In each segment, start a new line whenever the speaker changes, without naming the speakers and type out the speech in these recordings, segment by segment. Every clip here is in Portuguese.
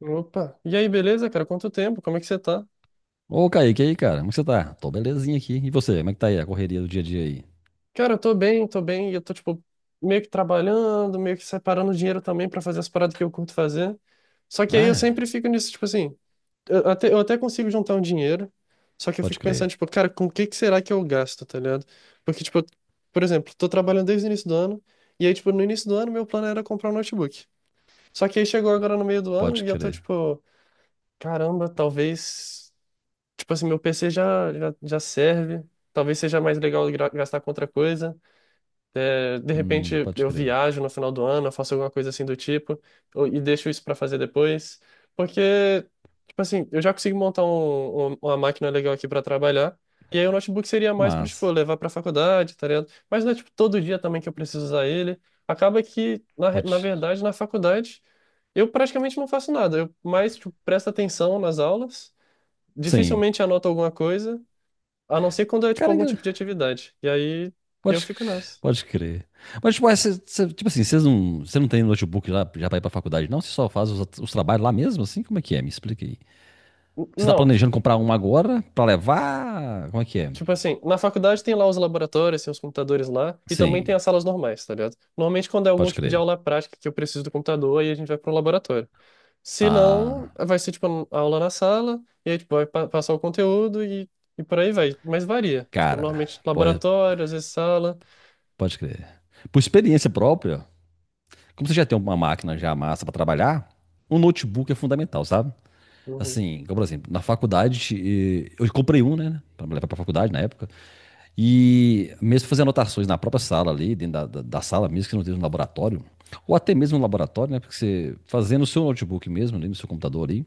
Opa, e aí, beleza, cara? Quanto tempo? Como é que você tá?
Ô, Kaique, e aí, cara? Como que você tá? Tô belezinha aqui. E você, como é que tá aí a correria do dia a dia aí?
Cara, eu tô bem, e eu tô, tipo, meio que trabalhando, meio que separando dinheiro também pra fazer as paradas que eu curto fazer. Só que aí eu
Ah,
sempre fico nisso, tipo assim, eu até consigo juntar um dinheiro, só que eu
pode
fico pensando,
crer,
tipo, cara, com o que que será que eu gasto, tá ligado? Porque, tipo, por exemplo, tô trabalhando desde o início do ano, e aí, tipo, no início do ano meu plano era comprar um notebook. Só que aí chegou agora no meio do ano
pode
e eu tô,
crer.
tipo, caramba, talvez. Tipo assim, meu PC já serve. Talvez seja mais legal gastar com outra coisa. É, de repente
Pode
eu
crer.
viajo no final do ano, eu faço alguma coisa assim do tipo, e deixo isso pra fazer depois. Porque, tipo assim, eu já consigo montar uma máquina legal aqui pra trabalhar. E aí o notebook seria mais pra,
Mas,
tipo, levar pra faculdade, tá ligado? Mas não é, tipo, todo dia também que eu preciso usar ele. Acaba que, na
pode.
verdade, na faculdade, eu praticamente não faço nada. Eu mais, tipo, presto atenção nas aulas,
Sim.
dificilmente anoto alguma coisa, a não ser quando é tipo
Cara,
algum tipo de atividade. E aí eu
pode,
fico nessa.
pode crer. Mas, tipo, é, tipo assim, vocês não, você não tem notebook lá já pra ir pra faculdade, não? Você só faz os trabalhos lá mesmo, assim? Como é que é? Me explica aí. Você tá
Não,
planejando comprar um agora pra levar? Como é que é?
tipo assim, na faculdade tem lá os laboratórios, tem os computadores lá, e também tem
Sim,
as salas normais, tá ligado? Normalmente quando é algum
pode
tipo de
crer.
aula prática que eu preciso do computador, aí a gente vai pro laboratório. Se não,
Ah,
vai ser tipo a aula na sala, e aí tipo, vai passar o conteúdo e por aí vai. Mas varia. Tipo,
cara,
normalmente
pode,
laboratório, às vezes sala.
pode crer. Por experiência própria, como você já tem uma máquina já massa para trabalhar, um notebook é fundamental, sabe?
Uhum,
Assim, como por exemplo, na faculdade, eu comprei um, né, para levar para faculdade na época, e mesmo fazer anotações na própria sala ali, dentro da sala mesmo, que não tenha um laboratório, ou até mesmo um laboratório, né, porque você fazendo no seu notebook mesmo, ali no seu computador ali,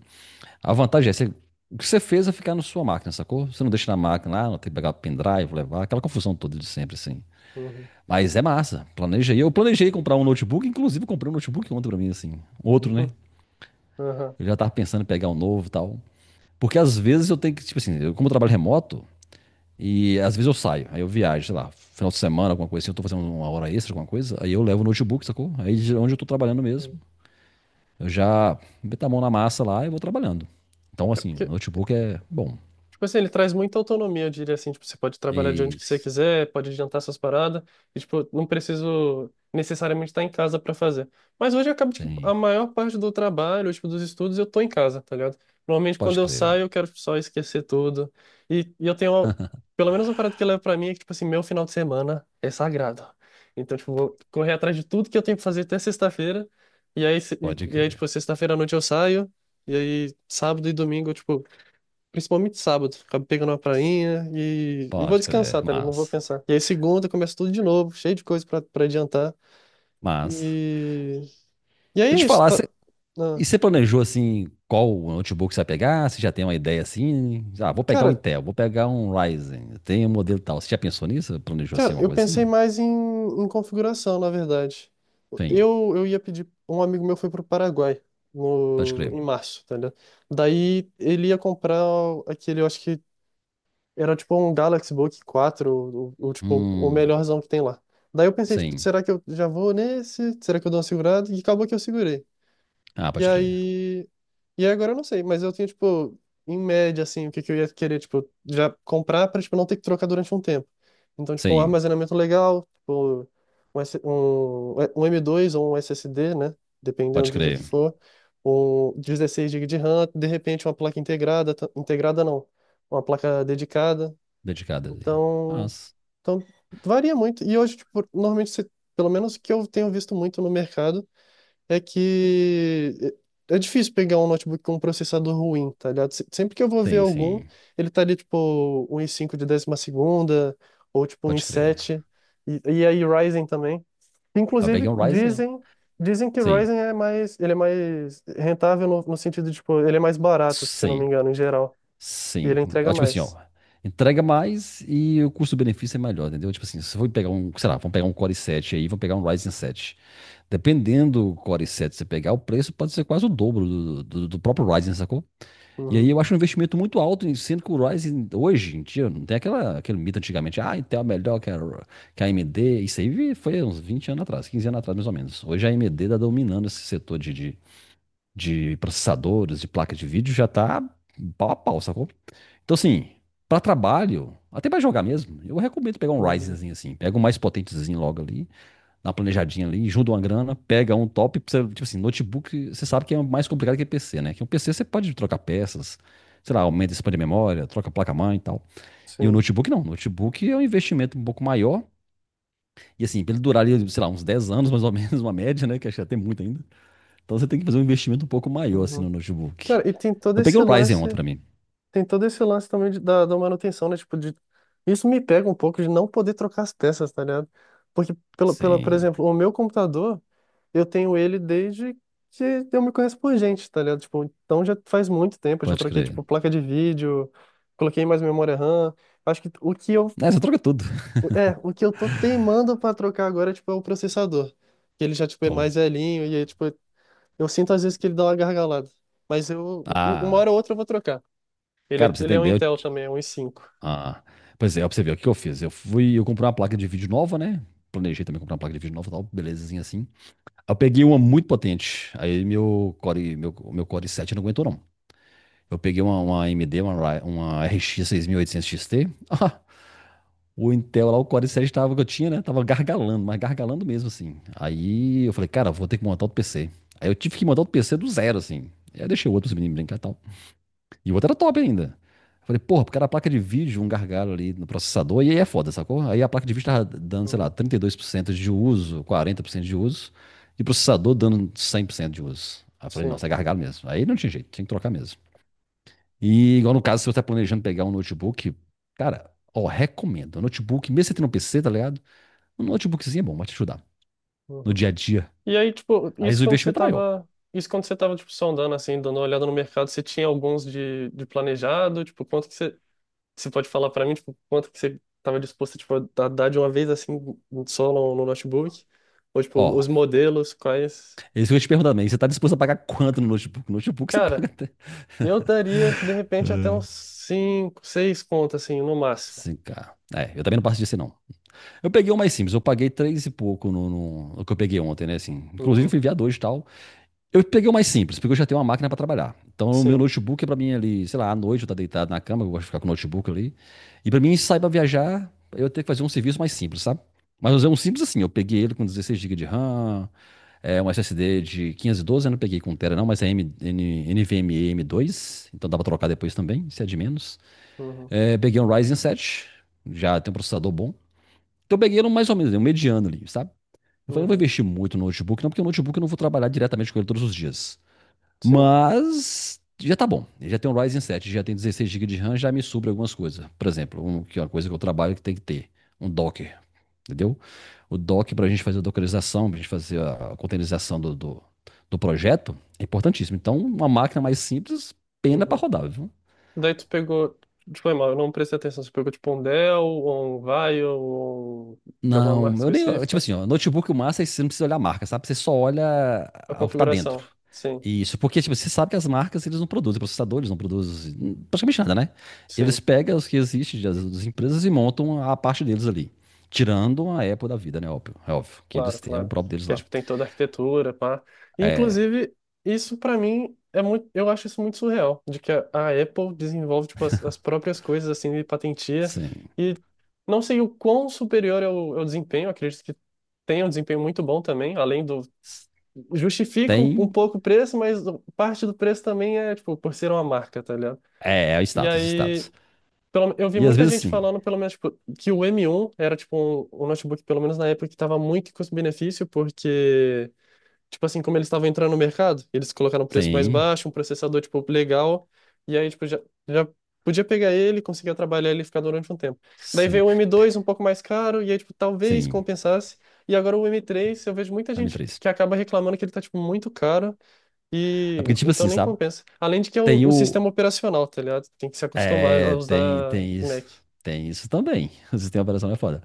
a vantagem é você, o que você fez é ficar na sua máquina, sacou? Você não deixa na máquina lá, não tem que pegar pendrive, levar, aquela confusão toda de sempre, assim.
uhum,
Mas é massa. Planejei. Eu planejei comprar um notebook, inclusive eu comprei um notebook ontem pra mim, assim. Outro,
uhum,
né?
aham.
Eu já tava pensando em pegar um novo e tal. Porque às vezes eu tenho que, tipo assim, eu, como eu trabalho remoto, e às vezes eu saio, aí eu viajo, sei lá, final de semana, alguma coisa assim, eu tô fazendo uma hora extra, alguma coisa, aí eu levo o notebook, sacou? Aí de onde eu tô trabalhando mesmo, eu já meto a mão na massa lá e vou trabalhando. Então,
É
assim,
porque,
notebook é bom.
tipo assim, ele traz muita autonomia, eu diria assim, tipo, você pode trabalhar de onde que você
Isso,
quiser, pode adiantar suas paradas, e tipo, não preciso necessariamente estar em casa para fazer. Mas hoje acaba de que a
tem.
maior parte do trabalho, tipo, dos estudos, eu tô em casa, tá ligado? Normalmente quando
Pode
eu saio,
crer.
eu quero tipo, só esquecer tudo. E eu tenho, pelo menos uma parada que eu levo pra mim é que, tipo assim, meu final de semana é sagrado. Então, tipo, vou correr atrás de tudo que eu tenho que fazer até sexta-feira, e aí, se-
Pode
e aí,
crer.
tipo, sexta-feira à noite eu saio, e aí sábado e domingo, eu, tipo, principalmente sábado, acabo pegando uma prainha e vou
Pode crer.
descansar, tá ligado? Não vou pensar. E aí segunda começa tudo de novo, cheio de coisa pra adiantar.
Mas.
E, e aí
Deixa
é
eu te
isso,
falar,
tá?
você
Ah,
E você planejou assim qual notebook que você vai pegar? Você já tem uma ideia assim? Ah, vou pegar um
cara,
Intel, vou pegar um Ryzen, eu tenho um modelo tal. Você já pensou nisso? Planejou assim
cara,
alguma
eu
coisa assim?
pensei
Não.
mais em, em configuração, na verdade.
Sim,
Eu ia pedir, um amigo meu foi pro Paraguai
pode
no,
crer.
em março, tá ligado? Daí ele ia comprar aquele, eu acho que era tipo um Galaxy Book 4 tipo, o
Hum,
melhorzão que tem lá. Daí eu pensei, tipo,
sim.
será que eu já vou nesse? Será que eu dou uma segurada? E acabou que eu segurei.
Ah,
E
pode crer.
aí. E aí agora eu não sei, mas eu tenho, tipo, em média, assim, o que que eu ia querer, tipo, já comprar pra, tipo, não ter que trocar durante um tempo. Então, tipo, um
Sim,
armazenamento legal, tipo, um M.2 ou um SSD, né? Dependendo
pode
do que
crer.
for. Um 16 GB de RAM, de repente uma placa integrada, integrada não, uma placa dedicada.
Dedicado ali.
Então,
Mas,
então varia muito. E hoje, tipo, normalmente, pelo menos o que eu tenho visto muito no mercado, é que é difícil pegar um notebook com um processador ruim, tá ligado? Sempre que eu vou ver
sim,
algum,
sim,
ele tá ali, tipo, um i5 de décima segunda, ou tipo um i
pode crer.
sete e aí Ryzen também.
Ah, eu
Inclusive,
peguei um Ryzen.
dizem que
Sim,
Ryzen é mais, ele é mais rentável no sentido de, tipo, ele é mais barato, se eu não me
sim,
engano, em geral. E
sim.
ele entrega
Ó, tipo assim, ó.
mais.
Entrega mais e o custo-benefício é melhor, entendeu? Tipo assim, se for pegar um, sei lá, vamos pegar um Core i7 aí, vamos pegar um Ryzen 7. Dependendo do Core 7 você pegar, o preço pode ser quase o dobro do próprio Ryzen, sacou? E aí
Uhum,
eu acho um investimento muito alto, sendo que o Ryzen hoje em dia não tem aquela, aquele mito antigamente, ah, Intel é melhor que a AMD. Isso aí foi uns 20 anos atrás, 15 anos atrás mais ou menos. Hoje a AMD está dominando esse setor de processadores, de placa de vídeo, já está pau a pau, sacou? Então assim, para trabalho, até para jogar mesmo, eu recomendo pegar um
uhum,
Ryzenzinho assim, pega o mais potentezinho logo ali na planejadinha ali, junta uma grana, pega um top, tipo assim, notebook, você sabe que é mais complicado que PC, né? Que um PC você pode trocar peças, sei lá, aumenta, expande a memória, troca a placa-mãe e tal. E o
sim.
notebook não, o notebook é um investimento um pouco maior, e assim, pra ele durar ali, sei lá, uns 10 anos mais ou menos, uma média, né? Que acho que até muito ainda. Então você tem que fazer um investimento um pouco maior, assim,
Uhum.
no notebook.
Cara, e tem todo
Eu peguei
esse
o Ryzen ontem
lance,
pra mim.
também da manutenção, né? Tipo, de, isso me pega um pouco de não poder trocar as peças, tá ligado? Porque, por
Sim,
exemplo, o meu computador, eu tenho ele desde que eu me conheço por gente, tá ligado? Tipo, então já faz muito tempo, eu já
pode
troquei,
crer.
tipo, placa de vídeo, coloquei mais memória RAM. Acho que
Né, você troca tudo.
o que eu tô teimando pra trocar agora, tipo, é o processador. Que ele já, tipo, é
Então,
mais velhinho e aí, tipo, eu sinto às vezes que ele dá uma gargalada. Mas eu, uma hora
ah,
ou outra eu vou trocar. Ele
cara,
é,
pra você
ele é um
entender,
Intel também, é um i5.
ah, pois é, ó, pra você ver, o que eu fiz? Eu fui, eu comprei uma placa de vídeo nova, né? Planejei também comprar uma placa de vídeo nova e tal, belezinha assim. Aí eu peguei uma muito potente, aí meu Core, meu Core 7 não aguentou não. Eu peguei uma AMD, uma RX 6800 XT. Ah, o Intel lá, o Core 7 tava, que eu tinha, né? Tava gargalando, mas gargalando mesmo assim. Aí eu falei, cara, vou ter que montar outro PC. Aí eu tive que montar outro PC do zero, assim. Aí eu deixei o outro menino brincar tal. E o outro era top ainda. Eu falei, porra, porque era a placa de vídeo, um gargalo ali no processador, e aí é foda, sacou? Aí a placa de vídeo tava dando, sei lá,
Uhum.
32% de uso, 40% de uso, e o processador dando 100% de uso. Aí eu falei,
Sim.
nossa, é gargalo mesmo. Aí não tinha jeito, tinha que trocar mesmo. E igual no caso, se você tá planejando pegar um notebook, cara, ó, recomendo. Um notebook, mesmo você tendo um PC, tá ligado? Um notebookzinho é bom, vai te ajudar no
Uhum.
dia a dia.
E aí, tipo,
Aí o investimento é maior.
isso quando você tava, tipo, sondando, assim, dando uma olhada no mercado, você tinha alguns de planejado? Tipo, você pode falar pra mim, tipo, quanto que você tava disposto, tipo, a dar de uma vez, assim, só no notebook? Ou, tipo,
Ó,
os modelos, quais...
isso que eu ia te perguntar também, você tá disposto a pagar quanto no notebook? No notebook você paga
Cara,
até
eu daria, de repente, até uns 5, 6 contas, assim, no máximo.
5K. É, eu também não passo disso, não. Eu peguei um mais simples, eu paguei três e pouco no que eu peguei ontem, né? Assim, inclusive eu
Uhum.
fui enviado hoje e tal. Eu peguei o mais simples, porque eu já tenho uma máquina pra trabalhar. Então o meu
Sim.
notebook é pra mim ali, sei lá, à noite eu tá deitado na cama, eu gosto de ficar com o notebook ali. E pra mim sair pra viajar, eu tenho que fazer um serviço mais simples, sabe? Mas eu usei um simples assim, eu peguei ele com 16 GB de RAM, é, um SSD de 512 eu não peguei com Tera não, mas é M, N, NVMe m dois então dá pra trocar depois também, se é de menos.
Uhum,
É, peguei um Ryzen 7, já tem um processador bom. Então eu peguei ele mais ou menos, né, um mediano ali, sabe? Eu falei, não vou
uhum,
investir muito no notebook, não, porque o notebook eu não vou trabalhar diretamente com ele todos os dias.
sim.
Mas já tá bom. Ele já tem um Ryzen 7, já tem 16 GB de RAM, já me sobra algumas coisas. Por exemplo, que é uma coisa que eu trabalho que tem que ter, um Docker, entendeu? O Docker para a gente fazer a dockerização, para a gente fazer a containerização do projeto, é importantíssimo. Então, uma máquina mais simples, pena para
Uhum.
rodar, viu?
Daí tu pegou, tipo, é mal, eu não prestei atenção, tu pegou tipo um Dell, ou um Vaio, ou de alguma
Não,
marca
eu nem. Tipo
específica,
assim, ó, notebook, o massa é que você não precisa olhar a marca, sabe? Você só olha
a
o que tá dentro.
configuração. Sim,
Isso, porque, tipo, você sabe que as marcas, eles não produzem, processadores não produzem praticamente nada, né? Eles
sim,
pegam os que existem das empresas e montam a parte deles ali. Tirando a Apple da vida, né? Óbvio, é óbvio que
claro,
eles têm o
claro.
próprio deles
Que é,
lá.
tipo, tem toda a arquitetura, pá.
É,
Inclusive, isso pra mim é muito, eu acho isso muito surreal, de que a Apple desenvolve tipo as próprias coisas assim e patentia
sim.
e não sei o quão superior é o desempenho, acredito que tem um desempenho muito bom também, além do justifica um
Tem.
pouco o preço, mas parte do preço também é, tipo, por ser uma marca, tá ligado?
É, é o
E
status,
aí,
status.
pelo, eu vi
E às
muita
vezes,
gente
sim.
falando, pelo menos, tipo, que o M1 era, tipo, um notebook, pelo menos na época, que tava muito em custo-benefício, porque tipo assim, como eles estavam entrando no mercado, eles colocaram um preço mais
Sim,
baixo, um processador, tipo, legal. E aí, tipo, já podia pegar ele, conseguia trabalhar ele e ficar durante um tempo. Daí
sim,
veio o M2 um pouco mais caro, e aí, tipo, talvez
sim.
compensasse. E agora o M3 eu vejo muita
A
gente
M3.
que acaba reclamando que ele tá, tipo, muito caro,
É
e
porque, tipo
então
assim,
nem
sabe?
compensa. Além de que é o,
Tem
o
o.
sistema operacional, tá ligado? Tem que se acostumar a
É, tem,
usar
tem isso.
Mac.
Tem isso também. O sistema operacional é foda.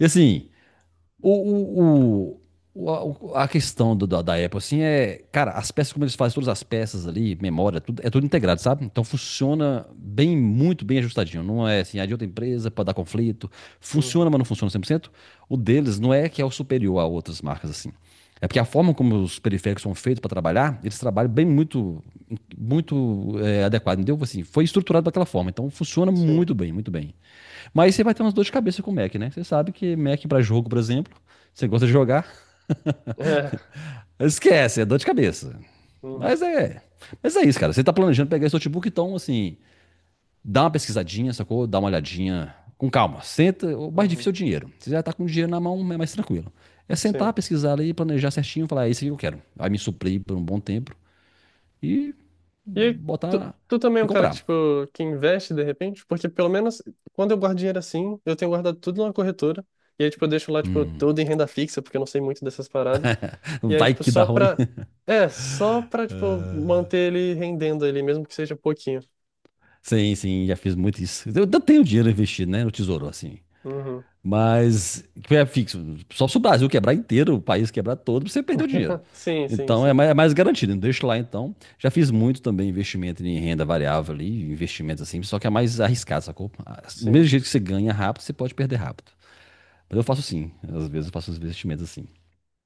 E assim, o, o, a questão da Apple, assim, é. Cara, as peças, como eles fazem todas as peças ali, memória, tudo, é tudo integrado, sabe? Então funciona bem, muito bem ajustadinho. Não é assim, a de outra empresa para dar conflito. Funciona,
Uhum,
mas não funciona 100%. O deles não é que é o superior a outras marcas, assim. É porque a forma como os periféricos são feitos para trabalhar, eles trabalham bem muito, muito é, adequado, entendeu? Assim, foi estruturado daquela forma, então funciona
sim.
muito bem, muito bem. Mas você vai ter umas dor de cabeça com o Mac, né? Você sabe que Mac para jogo, por exemplo, você gosta de jogar,
É.
esquece, é dor de cabeça.
Uhum,
Mas é, mas é isso, cara. Você tá planejando pegar esse notebook, então, assim, dá uma pesquisadinha, sacou? Dá uma olhadinha com calma. Senta, o mais
uhum,
difícil é o dinheiro. Você já tá com o dinheiro na mão, é mais tranquilo. É sentar,
sim.
pesquisar ali, planejar certinho, falar, é isso que eu quero. Aí me suprir por um bom tempo e
E aí,
botar
tu,
lá
tu também é
e
um cara que, tipo,
comprar.
que investe de repente? Porque pelo menos quando eu guardo dinheiro assim, eu tenho guardado tudo numa corretora. E aí, tipo, eu deixo lá, tipo,
Hum,
tudo em renda fixa, porque eu não sei muito dessas paradas. E aí,
vai
tipo,
que dá
só
ruim.
pra. É, só pra, tipo, manter ele rendendo ali, mesmo que seja pouquinho.
Sim, sim, já fiz muito isso. Eu tenho dinheiro investido, né, no tesouro, assim.
Uhum.
Mas que é fixo. Só se o Brasil quebrar inteiro, o país quebrar todo, você perdeu dinheiro.
Sim, sim,
Então
sim.
é mais garantido, né? Deixa lá então. Já fiz muito também investimento em renda variável ali, investimentos assim, só que é mais arriscado, sacou? Ah, do
Sim,
mesmo jeito que você ganha rápido, você pode perder rápido. Mas eu faço sim. Às vezes eu faço os investimentos assim.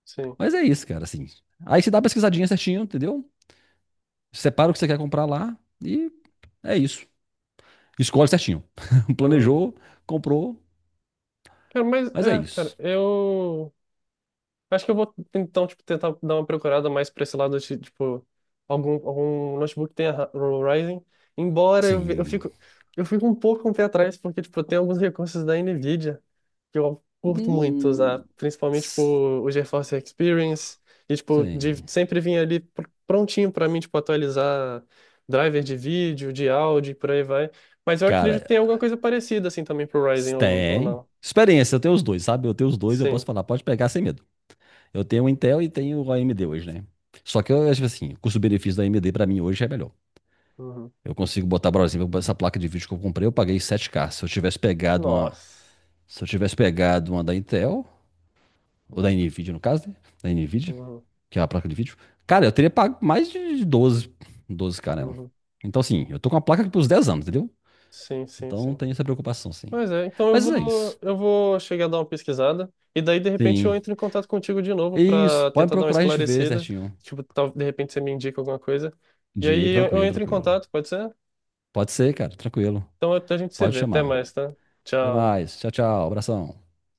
sim.
Mas é isso, cara, assim. Aí você dá uma pesquisadinha certinho, entendeu? Separa o que você quer comprar lá e é isso. Escolhe certinho.
Uhum.
Planejou, comprou,
Cara, mas,
mas é
é, cara,
isso.
eu. Acho que eu vou então, tipo, tentar dar uma procurada mais pra esse lado de, tipo, algum notebook que tenha Ryzen. Embora eu,
Assim.
eu fico um pouco com o pé atrás, porque, tipo, tem alguns recursos da NVIDIA que eu curto muito usar,
hum,
principalmente, tipo,
S-
o GeForce Experience, e, tipo, de,
Sim.
sempre vinha ali prontinho pra mim, tipo, atualizar driver de vídeo, de áudio e por aí vai. Mas eu
Cara,
acredito que tem alguma coisa parecida, assim, também pro Ryzen ou
tem.
não.
Experiência, eu tenho os dois, sabe? Eu tenho os dois, eu posso
Sim.
falar, pode pegar sem medo. Eu tenho o Intel e tenho o AMD hoje, né? Só que eu acho assim, o custo-benefício da AMD pra mim hoje é melhor.
Uhum.
Eu consigo botar, por exemplo, essa placa de vídeo que eu comprei, eu paguei 7K. Se eu tivesse pegado uma,
Nossa.
se eu tivesse pegado uma da Intel, ou da Nvidia no caso, né? Da Nvidia,
Uhum.
que é a placa de vídeo, cara, eu teria pago mais de doze k nela.
Uhum.
Então, assim, eu tô com a placa aqui pros 10 anos, entendeu?
Sim, sim,
Então, não
sim.
tem essa preocupação, sim.
Mas é, então
Mas é isso.
eu vou chegar a dar uma pesquisada e daí de repente eu
Sim.
entro em contato contigo de novo
Isso,
para
pode
tentar dar uma
procurar a gente ver
esclarecida,
certinho.
tipo, tal, de repente você me indica alguma coisa. E
Dica,
aí eu
tranquilo,
entro em
tranquilo.
contato, pode ser?
Pode ser, cara, tranquilo.
Então a gente se
Pode
vê. Até
chamar.
mais, tá?
Até
Tchau.
mais. Tchau, tchau. Abração.